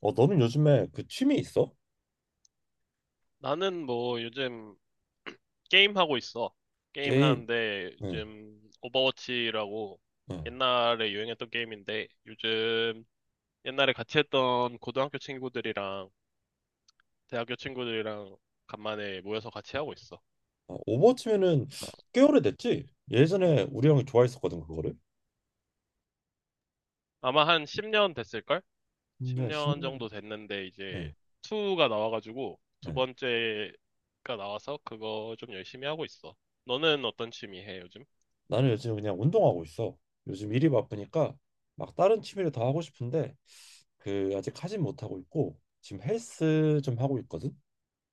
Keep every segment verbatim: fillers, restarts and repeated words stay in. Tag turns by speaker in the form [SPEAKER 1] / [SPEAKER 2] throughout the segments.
[SPEAKER 1] 어, 너는 요즘에 그 취미 있어?
[SPEAKER 2] 나는 뭐 요즘 게임 하고 있어. 게임
[SPEAKER 1] 게임.
[SPEAKER 2] 하는데
[SPEAKER 1] 응,
[SPEAKER 2] 요즘 오버워치라고
[SPEAKER 1] 응.
[SPEAKER 2] 옛날에 유행했던 게임인데 요즘 옛날에 같이 했던 고등학교 친구들이랑 대학교 친구들이랑 간만에 모여서 같이 하고 있어.
[SPEAKER 1] 어, 오버워치면은 꽤 오래됐지? 예전에 우리 형이 좋아했었거든, 그거를.
[SPEAKER 2] 아마 한 십 년 됐을걸?
[SPEAKER 1] 십 년,
[SPEAKER 2] 십 년
[SPEAKER 1] 십 년.
[SPEAKER 2] 정도 됐는데 이제
[SPEAKER 1] 응,
[SPEAKER 2] 이가 나와가지고 두
[SPEAKER 1] 응.
[SPEAKER 2] 번째가 나와서 그거 좀 열심히 하고 있어. 너는 어떤 취미 해 요즘?
[SPEAKER 1] 나는 요즘 그냥 운동하고 있어. 요즘 일이 바쁘니까 막 다른 취미를 다 하고 싶은데 그 아직 하진 못하고 있고 지금 헬스 좀 하고 있거든.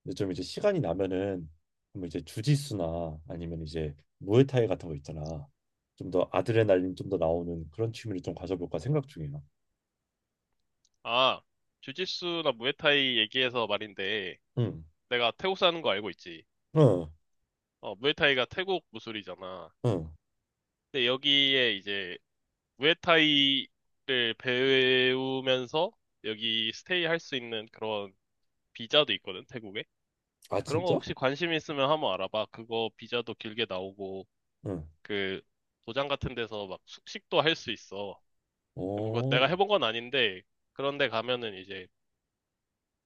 [SPEAKER 1] 근데 좀 이제 시간이 나면은 뭐 이제 주짓수나 아니면 이제 무에타이 같은 거 있잖아. 좀 더 아드레날린 좀 더 나오는 그런 취미를 좀 가져볼까 생각 중이야.
[SPEAKER 2] 아, 주짓수나 무에타이 얘기해서 말인데
[SPEAKER 1] 응.
[SPEAKER 2] 내가 태국 사는 거 알고 있지.
[SPEAKER 1] 응.
[SPEAKER 2] 어, 무에타이가 태국 무술이잖아.
[SPEAKER 1] 응.
[SPEAKER 2] 근데 여기에 이제 무에타이를 배우면서 여기 스테이 할 수 있는 그런 비자도 있거든, 태국에.
[SPEAKER 1] 아,
[SPEAKER 2] 그런 거
[SPEAKER 1] 진짜?
[SPEAKER 2] 혹시 관심 있으면 한번 알아봐. 그거 비자도 길게 나오고
[SPEAKER 1] 응.
[SPEAKER 2] 그 도장 같은 데서 막 숙식도 할 수 있어. 뭐 그거
[SPEAKER 1] 어,
[SPEAKER 2] 내가 해본 건 아닌데 그런데 가면은 이제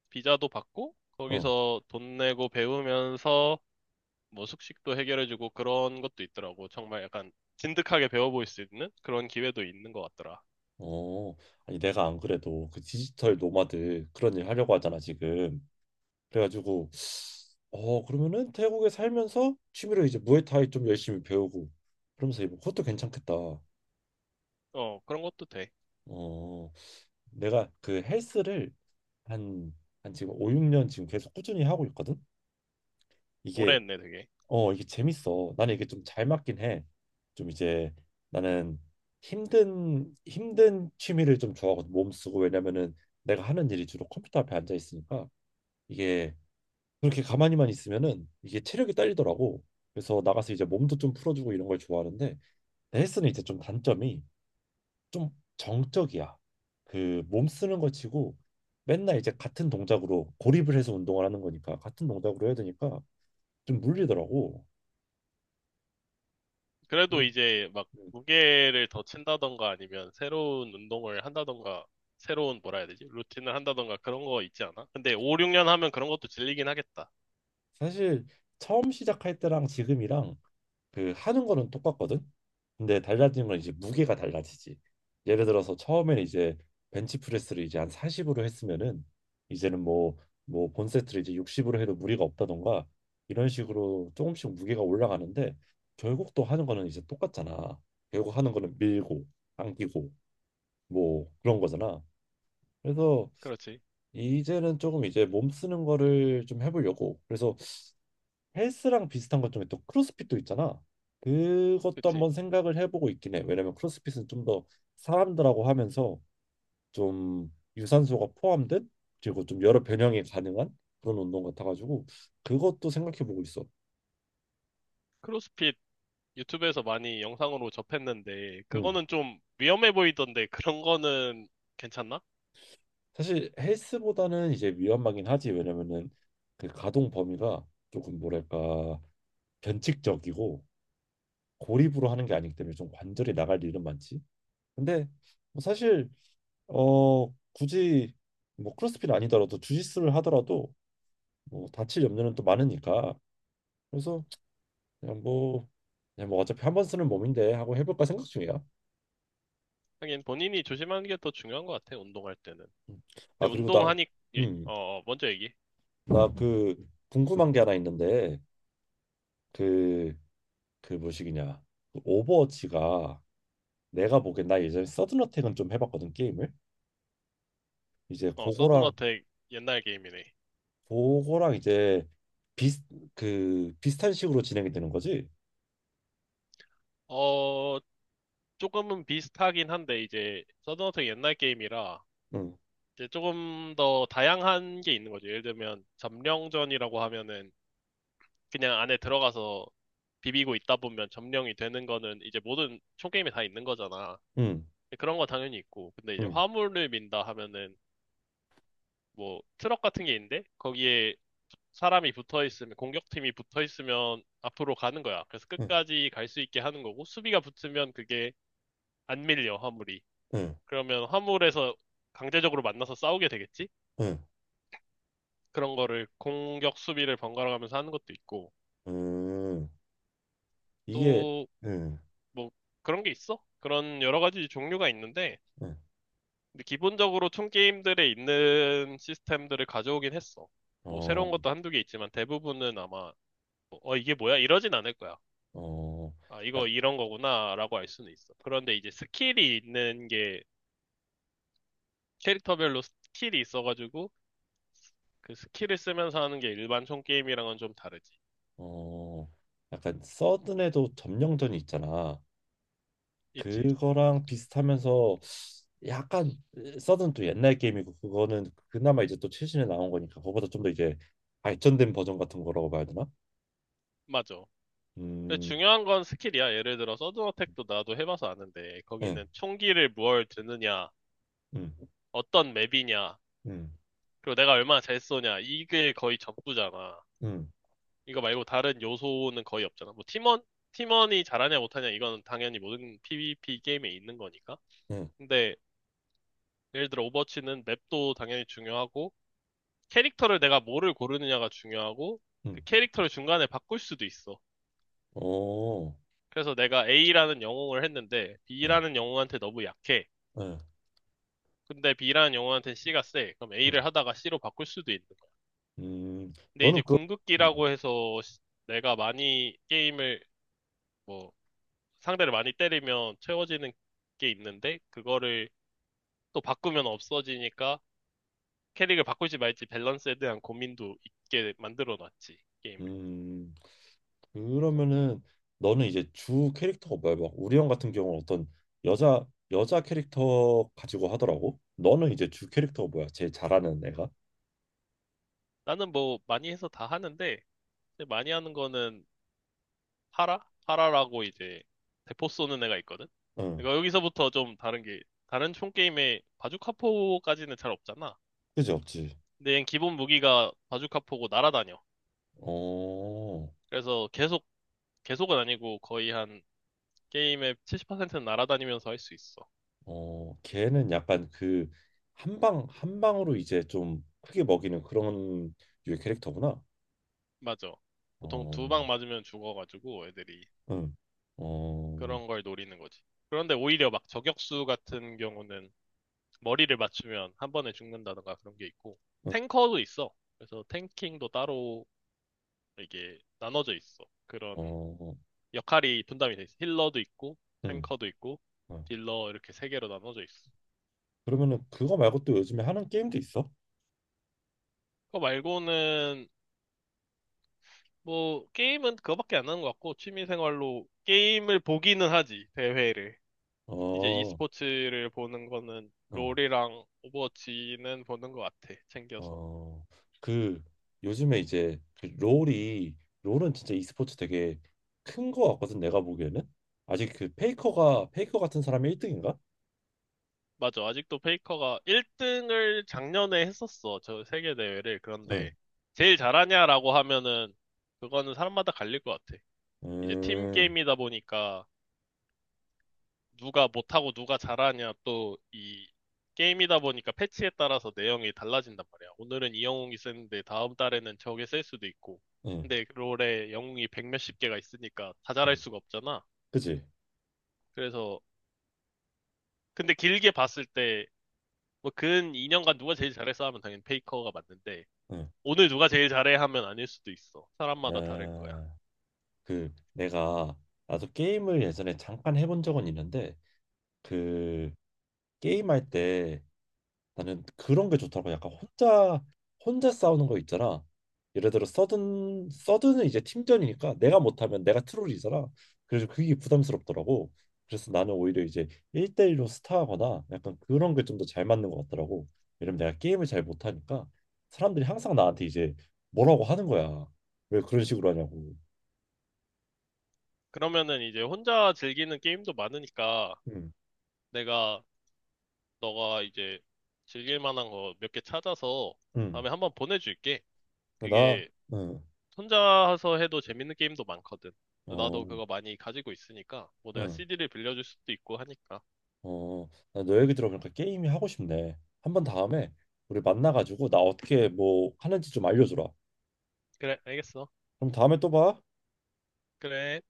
[SPEAKER 2] 비자도 받고
[SPEAKER 1] 어,
[SPEAKER 2] 거기서 돈 내고 배우면서 뭐 숙식도 해결해주고 그런 것도 있더라고. 정말 약간 진득하게 배워볼 수 있는 그런 기회도 있는 것 같더라.
[SPEAKER 1] 어. 아니, 내가 안 그래도 그 디지털 노마드 그런 일 하려고 하잖아, 지금. 그래가지고, 어, 그러면은 태국에 살면서 취미로 이제 무에타이 좀 열심히 배우고, 그러면서 이거 그것도 괜찮겠다.
[SPEAKER 2] 어, 그런 것도 돼.
[SPEAKER 1] 어, 내가 그 헬스를 한, 한 지금 오, 육 년 지금 계속 꾸준히 하고 있거든?
[SPEAKER 2] 오래
[SPEAKER 1] 이게
[SPEAKER 2] 했네, 되게.
[SPEAKER 1] 어, 이게 재밌어. 나는 이게 좀 잘 맞긴 해. 좀 이제 나는 힘든 힘든 취미를 좀 좋아하거든. 몸 쓰고 왜냐면은 내가 하는 일이 주로 컴퓨터 앞에 앉아 있으니까 이게 그렇게 가만히만 있으면은 이게 체력이 딸리더라고. 그래서 나가서 이제 몸도 좀 풀어주고 이런 걸 좋아하는데 헬스는 이제 좀 단점이 좀 정적이야. 그 몸 쓰는 거 치고 맨날 이제 같은 동작으로 고립을 해서 운동을 하는 거니까 같은 동작으로 해야 되니까 좀 물리더라고.
[SPEAKER 2] 그래도 이제 막 무게를 더 친다던가 아니면 새로운 운동을 한다던가 새로운 뭐라 해야 되지? 루틴을 한다던가 그런 거 있지 않아? 근데 오, 육 년 하면 그런 것도 질리긴 하겠다.
[SPEAKER 1] 사실 처음 시작할 때랑 지금이랑 그 하는 거는 똑같거든. 근데 달라진 건 이제 무게가 달라지지. 예를 들어서 처음에는 이제 벤치프레스를 이제 한 사십으로 했으면은 이제는 뭐 뭐 본세트를 이제 육십으로 해도 무리가 없다던가 이런 식으로 조금씩 무게가 올라가는데 결국 또 하는 거는 이제 똑같잖아. 결국 하는 거는 밀고 당기고 뭐 그런 거잖아. 그래서
[SPEAKER 2] 그렇지.
[SPEAKER 1] 이제는 조금 이제 몸 쓰는 거를 좀 해보려고. 그래서 헬스랑 비슷한 것 중에 또 크로스핏도 있잖아. 그것도
[SPEAKER 2] 그치.
[SPEAKER 1] 한번 생각을 해보고 있긴 해. 왜냐면 크로스핏은 좀 더 사람들하고 하면서 좀 유산소가 포함된 그리고 좀 여러 변형이 가능한 그런 운동 같아가지고 그것도 생각해보고 있어.
[SPEAKER 2] 크로스핏 유튜브에서 많이 영상으로 접했는데
[SPEAKER 1] 음.
[SPEAKER 2] 그거는 좀 위험해 보이던데 그런 거는 괜찮나?
[SPEAKER 1] 사실 헬스보다는 이제 위험하긴 하지. 왜냐면은 그 가동 범위가 조금 뭐랄까 변칙적이고 고립으로 하는 게 아니기 때문에 좀 관절이 나갈 일은 많지. 근데 뭐 사실 어 굳이 뭐 크로스핏 아니더라도 주짓수를 하더라도 뭐 다칠 염려는 또 많으니까 그래서 그냥 뭐 그냥 뭐 어차피 한번 쓰는 몸인데 하고 해볼까 생각 중이야.
[SPEAKER 2] 하긴 본인이 조심하는 게 더 중요한 것 같아, 운동할 때는.
[SPEAKER 1] 음.
[SPEAKER 2] 근데
[SPEAKER 1] 아 그리고 나
[SPEAKER 2] 운동하니, 예,
[SPEAKER 1] 음
[SPEAKER 2] 어, 어, 먼저 얘기.
[SPEAKER 1] 나 그 궁금한 게 하나 있는데 그 그 뭐시기냐 그 오버워치가 내가 보기엔 나 예전에 서든어택은 좀 해봤거든 게임을 이제
[SPEAKER 2] 어,
[SPEAKER 1] 그거랑
[SPEAKER 2] 서든어택 옛날 게임이네.
[SPEAKER 1] 그거랑 이제 비슷 그 비슷한 식으로 진행이 되는 거지.
[SPEAKER 2] 어, 조금은 비슷하긴 한데, 이제, 서든어택 옛날 게임이라,
[SPEAKER 1] 응
[SPEAKER 2] 이제 조금 더 다양한 게 있는 거죠. 예를 들면, 점령전이라고 하면은, 그냥 안에 들어가서 비비고 있다 보면 점령이 되는 거는 이제 모든 총게임에 다 있는 거잖아.
[SPEAKER 1] 응,
[SPEAKER 2] 근데 그런 거 당연히 있고, 근데 이제
[SPEAKER 1] 응,
[SPEAKER 2] 화물을 민다 하면은, 뭐 트럭 같은 게 있는데 거기에 사람이 붙어 있으면 공격팀이 붙어 있으면 앞으로 가는 거야. 그래서
[SPEAKER 1] 응,
[SPEAKER 2] 끝까지 갈 수 있게 하는 거고 수비가 붙으면 그게 안 밀려 화물이.
[SPEAKER 1] 응.
[SPEAKER 2] 그러면 화물에서 강제적으로 만나서 싸우게 되겠지?
[SPEAKER 1] 응,
[SPEAKER 2] 그런 거를 공격 수비를 번갈아 가면서 하는 것도 있고
[SPEAKER 1] 음, 이게,
[SPEAKER 2] 또
[SPEAKER 1] 응,
[SPEAKER 2] 뭐 그런 게 있어. 그런 여러 가지 종류가 있는데
[SPEAKER 1] 응,
[SPEAKER 2] 근데 기본적으로 총 게임들에 있는 시스템들을 가져오긴 했어. 뭐
[SPEAKER 1] 어,
[SPEAKER 2] 새로운 것도 한두 개 있지만 대부분은 아마 뭐, 어 이게 뭐야? 이러진 않을 거야.
[SPEAKER 1] 어,
[SPEAKER 2] 아,
[SPEAKER 1] 약,
[SPEAKER 2] 이거 이런 거구나라고 알 수는 있어. 그런데 이제 스킬이 있는 게 캐릭터별로 스킬이 있어가지고 그 스킬을 쓰면서 하는 게 일반 총 게임이랑은 좀 다르지.
[SPEAKER 1] 어, 약간 서든에도 점령전이 있잖아.
[SPEAKER 2] 있지.
[SPEAKER 1] 그거랑 비슷하면서 약간 서든 또 옛날 게임이고 그거는 그나마 이제 또 최신에 나온 거니까 그거보다 좀 더 이제 발전된 버전 같은 거라고 봐야 되나?
[SPEAKER 2] 맞아. 근데
[SPEAKER 1] 음,
[SPEAKER 2] 중요한 건 스킬이야. 예를 들어 서든 어택도 나도 해봐서 아는데
[SPEAKER 1] 응,
[SPEAKER 2] 거기는 총기를 뭘 드느냐,
[SPEAKER 1] 응,
[SPEAKER 2] 어떤 맵이냐,
[SPEAKER 1] 응,
[SPEAKER 2] 그리고 내가 얼마나 잘 쏘냐 이게 거의 전부잖아.
[SPEAKER 1] 응,
[SPEAKER 2] 이거 말고 다른 요소는 거의 없잖아. 뭐 팀원 팀원이 잘하냐 못하냐 이건 당연히 모든 피브이피 게임에 있는 거니까.
[SPEAKER 1] 응,
[SPEAKER 2] 근데 예를 들어 오버워치는 맵도 당연히 중요하고 캐릭터를 내가 뭐를 고르느냐가 중요하고 그
[SPEAKER 1] 응,
[SPEAKER 2] 캐릭터를 중간에 바꿀 수도 있어.
[SPEAKER 1] 오,
[SPEAKER 2] 그래서 내가 A라는 영웅을 했는데
[SPEAKER 1] 응,
[SPEAKER 2] B라는 영웅한테 너무 약해.
[SPEAKER 1] 응,
[SPEAKER 2] 근데 B라는 영웅한테는 C가 세. 그럼
[SPEAKER 1] 응,
[SPEAKER 2] A를 하다가 C로 바꿀 수도 있는 거야.
[SPEAKER 1] 음,
[SPEAKER 2] 근데
[SPEAKER 1] 너는
[SPEAKER 2] 이제
[SPEAKER 1] 그, 음,
[SPEAKER 2] 궁극기라고 해서 시- 내가 많이 게임을 뭐 상대를 많이 때리면 채워지는 게 있는데 그거를 또 바꾸면 없어지니까 캐릭을 바꿀지 말지 밸런스에 대한 고민도 있게 만들어 놨지, 게임을.
[SPEAKER 1] 음. 그러면은 너는 이제 주 캐릭터가 뭐야? 막 우리 형 같은 경우는 어떤 여자 여자 캐릭터 가지고 하더라고. 너는 이제 주 캐릭터가 뭐야? 제일 잘하는 애가?
[SPEAKER 2] 나는 뭐 많이 해서 다 하는데 근데 많이 하는 거는 파라? 파라라고 이제 대포 쏘는 애가 있거든.
[SPEAKER 1] 응.
[SPEAKER 2] 그러니까 여기서부터 좀 다른 게 다른 총 게임에 바주카포까지는 잘 없잖아.
[SPEAKER 1] 그지 없지.
[SPEAKER 2] 근데 얘는 기본 무기가 바주카포고 날아다녀.
[SPEAKER 1] 어,
[SPEAKER 2] 그래서 계속 계속은 아니고 거의 한 게임의 칠십 퍼센트는 날아다니면서 할 수 있어.
[SPEAKER 1] 어, 걔는 약간 그 한방 한 방으로 이제 좀 크게 먹이는 그런 유의 캐릭터구나.
[SPEAKER 2] 맞아. 보통 두
[SPEAKER 1] 어,
[SPEAKER 2] 방 맞으면 죽어가지고 애들이
[SPEAKER 1] 응, 어,
[SPEAKER 2] 그런 걸 노리는 거지. 그런데 오히려 막 저격수 같은 경우는 머리를 맞추면 한 번에 죽는다던가 그런 게 있고
[SPEAKER 1] 응,
[SPEAKER 2] 탱커도 있어. 그래서 탱킹도 따로 이게 나눠져 있어. 그런
[SPEAKER 1] 어,
[SPEAKER 2] 역할이 분담이 돼 있어. 힐러도 있고
[SPEAKER 1] 응.
[SPEAKER 2] 탱커도 있고
[SPEAKER 1] 어.
[SPEAKER 2] 딜러 이렇게 세 개로 나눠져 있어.
[SPEAKER 1] 그러면은 그거 말고 또 요즘에 하는 게임도 있어?
[SPEAKER 2] 그거 말고는 뭐 게임은 그거밖에 안 하는 것 같고 취미 생활로 게임을 보기는 하지 대회를. 이제
[SPEAKER 1] 어,
[SPEAKER 2] e스포츠를 보는 거는
[SPEAKER 1] 응.
[SPEAKER 2] 롤이랑 오버워치는 보는 것 같아 챙겨서.
[SPEAKER 1] 어, 그 요즘에 이제 그 롤이 롤은 진짜 e스포츠 되게 큰 거 같거든 내가 보기에는 아직 그 페이커가 페이커 같은 사람이 일 등인가?
[SPEAKER 2] 맞아. 아직도 페이커가 일 등을 작년에 했었어. 저 세계 대회를.
[SPEAKER 1] 응,
[SPEAKER 2] 그런데 제일 잘하냐라고 하면은 그거는 사람마다 갈릴 것 같아. 이제 팀
[SPEAKER 1] 음,
[SPEAKER 2] 게임이다 보니까 누가 못하고 누가 잘하냐 또 이 게임이다 보니까 패치에 따라서 내용이 달라진단 말이야. 오늘은 이 영웅이 쓰는데 다음 달에는 저게 쓸 수도 있고.
[SPEAKER 1] 응,
[SPEAKER 2] 근데 롤에 영웅이 백 몇십 개가 있으니까 다 잘할
[SPEAKER 1] 응,
[SPEAKER 2] 수가 없잖아.
[SPEAKER 1] 그지?
[SPEAKER 2] 그래서 근데 길게 봤을 때 뭐 근 이 년간 누가 제일 잘했어 하면 당연히 페이커가 맞는데
[SPEAKER 1] 응,
[SPEAKER 2] 오늘 누가 제일 잘해 하면 아닐 수도 있어. 사람마다 다를 거야.
[SPEAKER 1] 아, 그 내가 나도 게임을 예전에 잠깐 해본 적은 있는데 그 게임할 때 나는 그런 게 좋더라고. 약간 혼자 혼자 싸우는 거 있잖아. 예를 들어 서든 서든은 이제 팀전이니까 내가 못하면 내가 트롤이잖아. 그래서 그게 부담스럽더라고. 그래서 나는 오히려 이제 일 대일로 스타하거나 약간 그런 게 좀 더 잘 맞는 것 같더라고. 왜냐면 내가 게임을 잘 못하니까 사람들이 항상 나한테 이제 뭐라고 하는 거야. 왜 그런 식으로 하냐고.
[SPEAKER 2] 그러면은 이제 혼자 즐기는 게임도 많으니까
[SPEAKER 1] 응,
[SPEAKER 2] 내가 너가 이제 즐길 만한 거 몇 개 찾아서
[SPEAKER 1] 응.
[SPEAKER 2] 다음에 한번 보내줄게.
[SPEAKER 1] 나,
[SPEAKER 2] 그게
[SPEAKER 1] 응,
[SPEAKER 2] 혼자서 해도 재밌는 게임도 많거든.
[SPEAKER 1] 어,
[SPEAKER 2] 나도 그거 많이 가지고 있으니까 뭐 내가
[SPEAKER 1] 응.
[SPEAKER 2] 씨디를 빌려줄 수도 있고 하니까.
[SPEAKER 1] 어, 나 너 얘기 들어보니까 게임이 하고 싶네. 한번 다음에 우리 만나가지고 나 어떻게 뭐 하는지 좀 알려주라.
[SPEAKER 2] 그래, 알겠어.
[SPEAKER 1] 그럼 다음에 또 봐.
[SPEAKER 2] 그래.